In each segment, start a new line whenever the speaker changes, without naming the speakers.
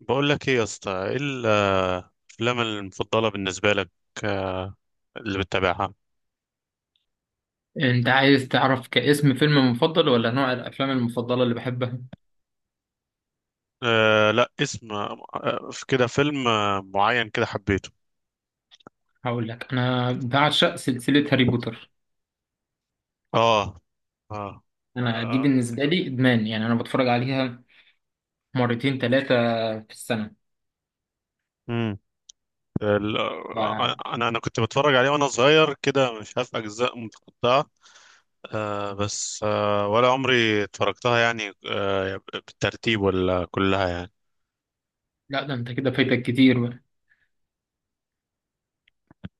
بقول لك ايه يا اسطى، ايه الافلام المفضله بالنسبه لك، آه، اللي بتتابعها؟
انت عايز تعرف كاسم فيلم مفضل ولا نوع الافلام المفضله اللي بحبها؟
لا، اسم، في كده فيلم معين كده حبيته.
هقول لك انا بعشق سلسله هاري بوتر.
اه. اه.
انا دي
آه.
بالنسبه لي ادمان، يعني انا بتفرج عليها مرتين ثلاثه في السنه.
امم
لا،
انا كنت بتفرج عليه وانا صغير كده، مش عارف اجزاء متقطعه. بس ولا عمري اتفرجتها يعني بالترتيب ولا كلها يعني.
لا، ده انت كده فايتك كتير بقى.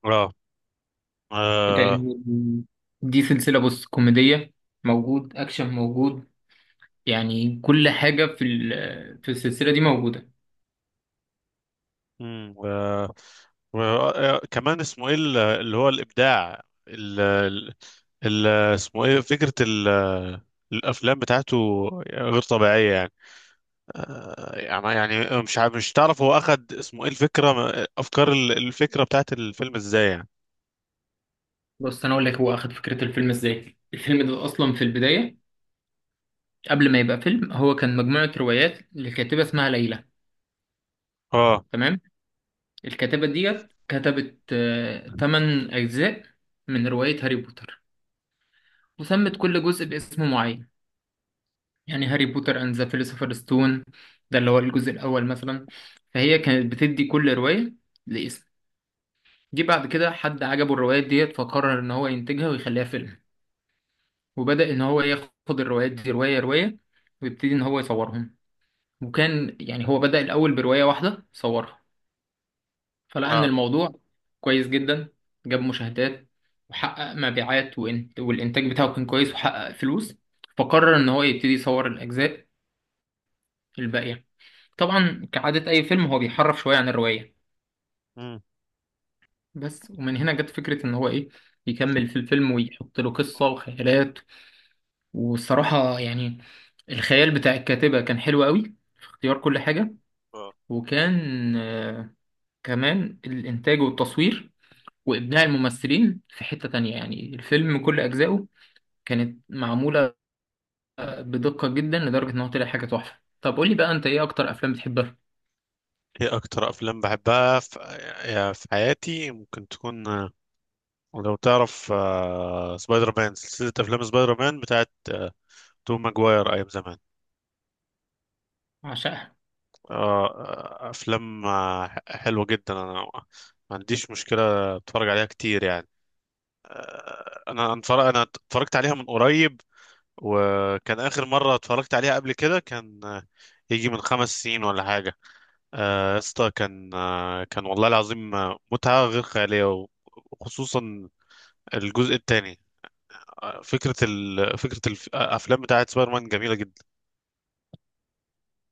اه. آه.
لان دي سلسله، بص، كوميديه، موجود اكشن موجود، يعني كل حاجه في السلسله دي موجوده.
امم و... وكمان اسمه ايه اللي هو الابداع، ال... ال... ال- اسمه ايه فكره الافلام بتاعته غير طبيعيه يعني. يعني مش تعرف هو اخد اسمه ايه الفكره، الفكره بتاعت الفيلم ازاي يعني.
بص، انا اقول لك هو اخد فكره الفيلم ازاي. الفيلم ده اصلا في البدايه، قبل ما يبقى فيلم، هو كان مجموعه روايات لكاتبه اسمها ليلى.
اه.
تمام. الكاتبة ديت كتبت تمن أجزاء من رواية هاري بوتر، وسمت كل جزء باسم معين. يعني هاري بوتر أند ذا فيلوسوفر ستون ده اللي هو الجزء الأول مثلا. فهي
مم.
كانت بتدي كل رواية لاسم. جه بعد كده حد عجبه الروايات ديت فقرر إن هو ينتجها ويخليها فيلم، وبدأ إن هو ياخد الروايات دي رواية رواية ويبتدي إن هو يصورهم. وكان يعني هو بدأ الأول برواية واحدة صورها، فلقى ان
اه.
الموضوع كويس جدا، جاب مشاهدات وحقق مبيعات والانتاج بتاعه كان كويس وحقق فلوس، فقرر ان هو يبتدي يصور الاجزاء الباقيه. طبعا كعاده اي فيلم هو بيحرف شويه عن الروايه،
مم.
بس ومن هنا جت فكره ان هو ايه، يكمل في الفيلم ويحط له قصه وخيالات. والصراحه يعني الخيال بتاع الكاتبه كان حلو قوي في اختيار كل حاجه.
آه.
وكان كمان الانتاج والتصوير وإبداع الممثلين في حتة تانية. يعني الفيلم كل أجزائه كانت معمولة بدقة جدا لدرجة إن هو طلع حاجة تحفة. طب قولي بقى، أنت إيه أكتر أفلام بتحبها؟
ايه اكتر افلام بحبها في حياتي، ممكن تكون لو تعرف سبايدر مان، سلسله افلام سبايدر مان بتاعت توم ماجواير ايام زمان.
عشقها.
آه، افلام حلوه جدا. انا ما عنديش مشكله، اتفرج عليها كتير يعني. انا اتفرجت عليها من قريب، وكان اخر مره اتفرجت عليها قبل كده كان يجي من 5 سنين ولا حاجه. يا اسطى، كان والله العظيم متعه غير خياليه، وخصوصا الجزء الثاني. فكره الافلام بتاعت سبايدر مان جميله جدا.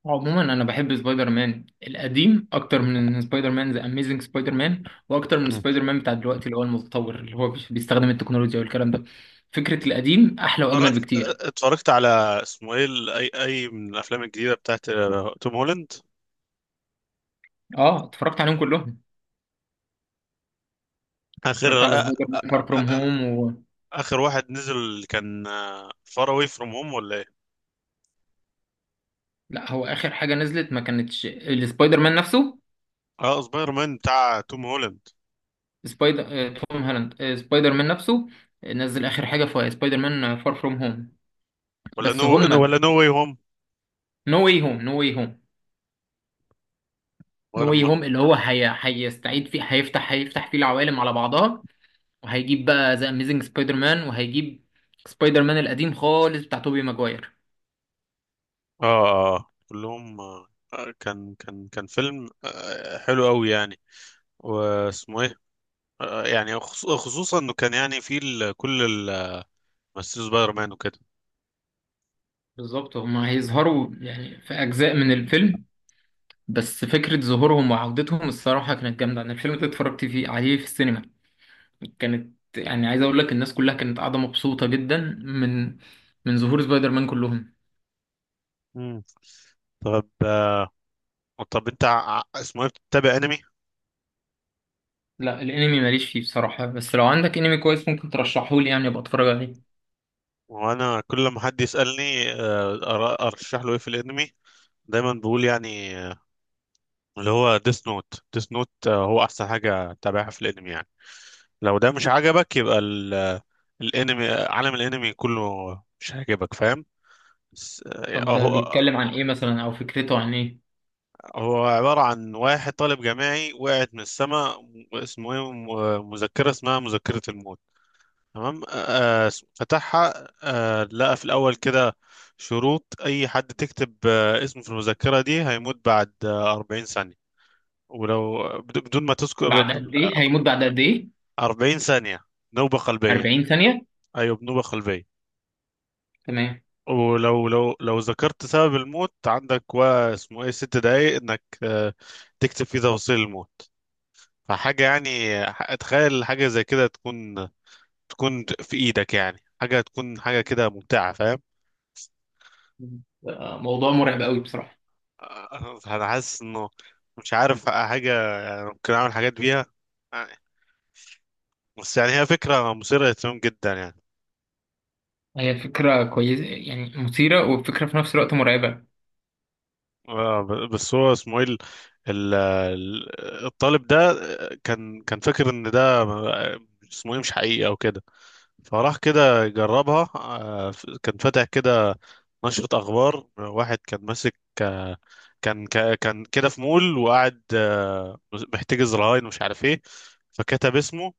عموما أنا بحب سبايدر مان القديم أكتر من سبايدر مان ذا أميزنج سبايدر مان، وأكتر من سبايدر مان بتاع دلوقتي اللي هو المتطور اللي هو بيستخدم التكنولوجيا والكلام ده. فكرة القديم أحلى
اتفرجت
وأجمل بكتير.
اتفرجت على اسمه ايه اي من الافلام الجديده بتاعت توم هولاند؟
أه، اتفرجت عليهم كلهم.
اخر
اتفرجت على
آ-
سبايدر
آ-
مان فار فروم
آ-
هوم.
اخر واحد نزل كان فار اواي فروم هوم ولا ايه؟
لا، هو آخر حاجة نزلت ما كانتش السبايدر مان نفسه.
اه. سبايدر مان بتاع توم هولاند؟
سبايدر آه، توم هالاند، سبايدر مان نفسه، نزل اخر حاجه في سبايدر مان فار فروم هوم،
ولا
بس
نو
هم
ولا نو واي هوم؟
نو واي هوم. نو واي هوم. نو
ولا
واي
ما
هوم اللي هو هيستعيد فيه، هيفتح فيه العوالم على بعضها، وهيجيب بقى ذا اميزنج سبايدر مان وهيجيب سبايدر مان القديم خالص بتاع توبي ماجواير.
اه. كلهم. آه، كان فيلم حلو قوي يعني. واسمه ايه يعني خصوصا انه كان يعني فيه كل ممثلين سبايدر مان وكده.
بالظبط، هم هيظهروا يعني في اجزاء من الفيلم، بس فكره ظهورهم وعودتهم الصراحه كانت جامده. انا الفيلم ده اتفرجت فيه عليه في السينما، كانت يعني، عايز اقول لك، الناس كلها كانت قاعده مبسوطه جدا من من ظهور سبايدر مان كلهم.
مم. طب آه، طب انت اسمه ايه بتتابع انمي؟
لا، الانمي ماليش فيه بصراحه، بس لو عندك انمي كويس ممكن ترشحه لي يعني ابقى اتفرج عليه.
وانا كل ما حد يسالني ارشح له ايه في الانمي، دايما بقول يعني اللي هو ديس نوت هو احسن حاجه تتابعها في الانمي يعني. لو ده مش عجبك يبقى الانمي آه، عالم الانمي كله مش هيعجبك، فاهم. بس،
طب ده بيتكلم عن ايه مثلا، او فكرته عن ايه؟
هو عباره عن واحد طالب جامعي وقعت من السماء اسمه ايه مذكره، اسمها مذكره الموت. تمام. فتحها، لقى في الأول كده شروط، أي حد تكتب اسمه في المذكرة دي هيموت بعد 40 ثانية. ولو بدون ما تذكر،
بعد قد ايه
آه،
هيموت؟ بعد قد ايه؟
40 ثانية، نوبة قلبية.
40 ثانيه.
أيوة، بنوبة قلبية.
تمام.
ولو لو لو ذكرت سبب الموت عندك و اسمه ايه 6 دقايق انك تكتب فيه تفاصيل الموت. فحاجة يعني، تخيل حاجة زي كده تكون في ايدك يعني، حاجة تكون حاجة كده ممتعة، فاهم؟
موضوع مرعب قوي بصراحه.
انا حاسس انه مش عارف حاجه، يعني ممكن اعمل حاجات بيها يعني- بس يعني هي فكره مثيره للاهتمام جدا يعني.
هي فكره كويسه يعني، مثيره، وفكره في نفس الوقت مرعبه.
بس هو اسمه ايه الطالب ده كان فاكر ان ده اسمه ايه مش حقيقي او كده، فراح كده يجربها. كان فاتح كده نشرة اخبار، واحد كان ماسك آه، كان كان كده في مول وقاعد محتجز رهاين ومش عارف ايه. فكتب اسمه،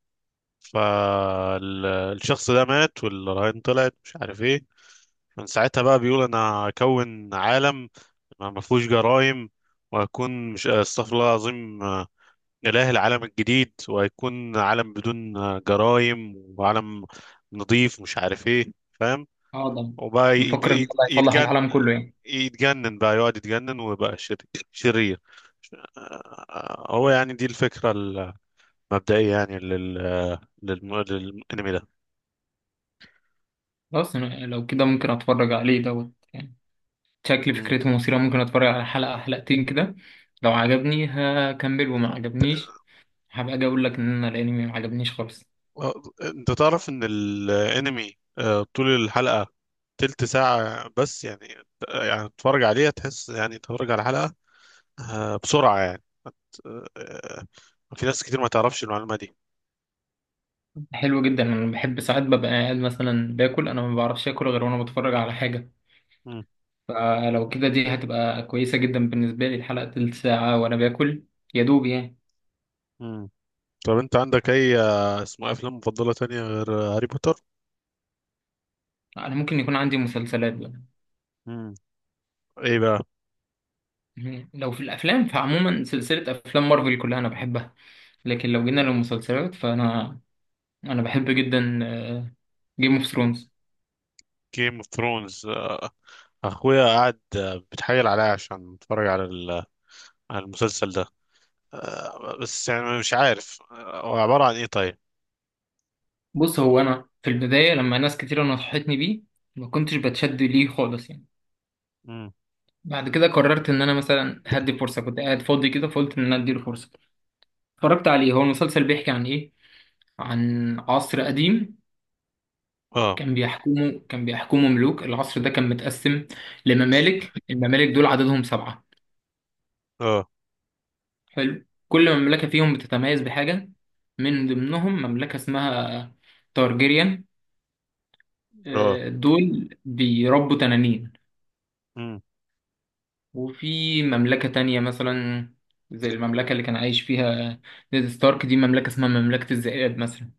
فالشخص ده مات والرهائن طلعت مش عارف ايه. من ساعتها بقى بيقول انا هكون عالم ما فيهوش جرائم، وهكون، مش استغفر الله العظيم، إله العالم الجديد، وهيكون عالم بدون جرائم، وعالم نظيف مش عارف ايه، فاهم.
اه، ده
وبقى
بفكر ان الله يصلح العالم كله يعني.
يتجنن، بقى يقعد يتجنن ويبقى شرير، شرير. هو يعني دي الفكرة المبدئية يعني للأنمي
خلاص، أنا لو كده ممكن اتفرج عليه دوت يعني. شكل
ده.
فكرته مثيرة، ممكن اتفرج على حلقة حلقتين كده. لو عجبني هكمل، وما عجبنيش هبقى اجي اقول لك ان انا الانمي ما عجبنيش خالص.
آه، انت تعرف ان الانمي طول الحلقة تلت ساعة بس يعني، يعني تتفرج عليها تحس يعني تتفرج على الحلقة بسرعة يعني. آه، آه، في ناس كتير ما تعرفش المعلومة دي.
حلو جدا. انا بحب ساعات ببقى قاعد مثلا باكل، انا ما بعرفش اكل غير وانا بتفرج على حاجة.
مم.
فلو كده دي هتبقى كويسة جدا بالنسبة لي، الحلقة تلت ساعة وانا باكل، يا دوب يعني.
مم. طب انت عندك اي اسمه ايه، افلام مفضلة تانية غير هاري بوتر؟
انا ممكن يكون عندي مسلسلات بقى.
مم. ايه بقى؟
مم. لو في الافلام، فعموما سلسلة افلام مارفل كلها انا بحبها، لكن لو جينا للمسلسلات فانا بحب جدا جيم اوف ثرونز.
جيم اوف ثرونز. اخويا قاعد بيتحايل عليا عشان اتفرج على على المسلسل ده. بس يعني مش عارف هو عبارة عن ايه طيب؟
بص، هو انا في البدايه لما ناس كتيره نصحتني بيه ما كنتش بتشد ليه خالص يعني.
مم.
بعد كده قررت ان انا مثلا هدي فرصه، كنت قاعد فاضي كده فقلت ان انا اديله فرصه. اتفرجت عليه. هو المسلسل بيحكي عن ايه؟ عن عصر قديم
اه.
كان بيحكمه ملوك. العصر ده كان متقسم لممالك، الممالك دول عددهم سبعه.
اه.
حلو. كل مملكه فيهم بتتميز بحاجه. من ضمنهم مملكه اسمها تارجيريان،
اه.
دول بيربوا تنانين.
امم.
وفي مملكة تانية مثلا، زي المملكة اللي كان عايش فيها نيد ستارك، دي مملكة اسمها مملكة الذئاب مثلا.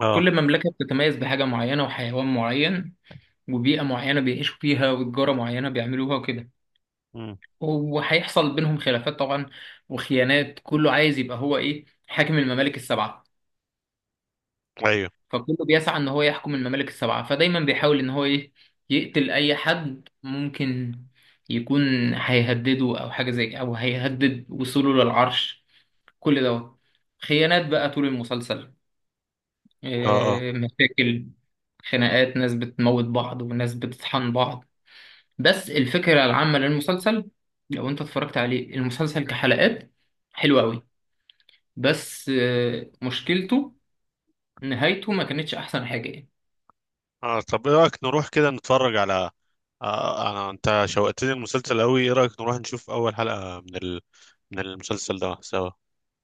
اه.
كل مملكة بتتميز بحاجة معينة وحيوان معين وبيئة معينة بيعيشوا فيها وتجارة معينة بيعملوها وكده.
امم.
وهيحصل بينهم خلافات طبعا، وخيانات، كله عايز يبقى هو ايه حاكم الممالك السبعة.
ايوه.
فكله بيسعى ان هو يحكم الممالك السبعة، فدايما بيحاول ان هو ايه، يقتل اي حد ممكن يكون هيهدده او حاجة، زي او هيهدد وصوله للعرش. كل دوت خيانات بقى طول المسلسل،
اه. اه.
إيه، مشاكل، خناقات، ناس بتموت بعض وناس بتطحن بعض. بس الفكرة العامة للمسلسل، لو انت اتفرجت عليه المسلسل كحلقات، حلو قوي. بس مشكلته نهايته ما كانتش احسن حاجة يعني.
اه. طب ايه رايك نروح كده نتفرج على... آه انا انت شوقتني المسلسل قوي، ايه رايك نروح نشوف اول حلقه من من المسلسل ده سوا؟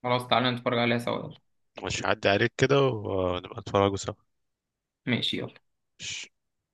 خلاص، تعالى نتفرج عليها سوا، يلا.
مش هعدي عليك كده، ونبقى نتفرجوا
ماشي، يلا
سوا.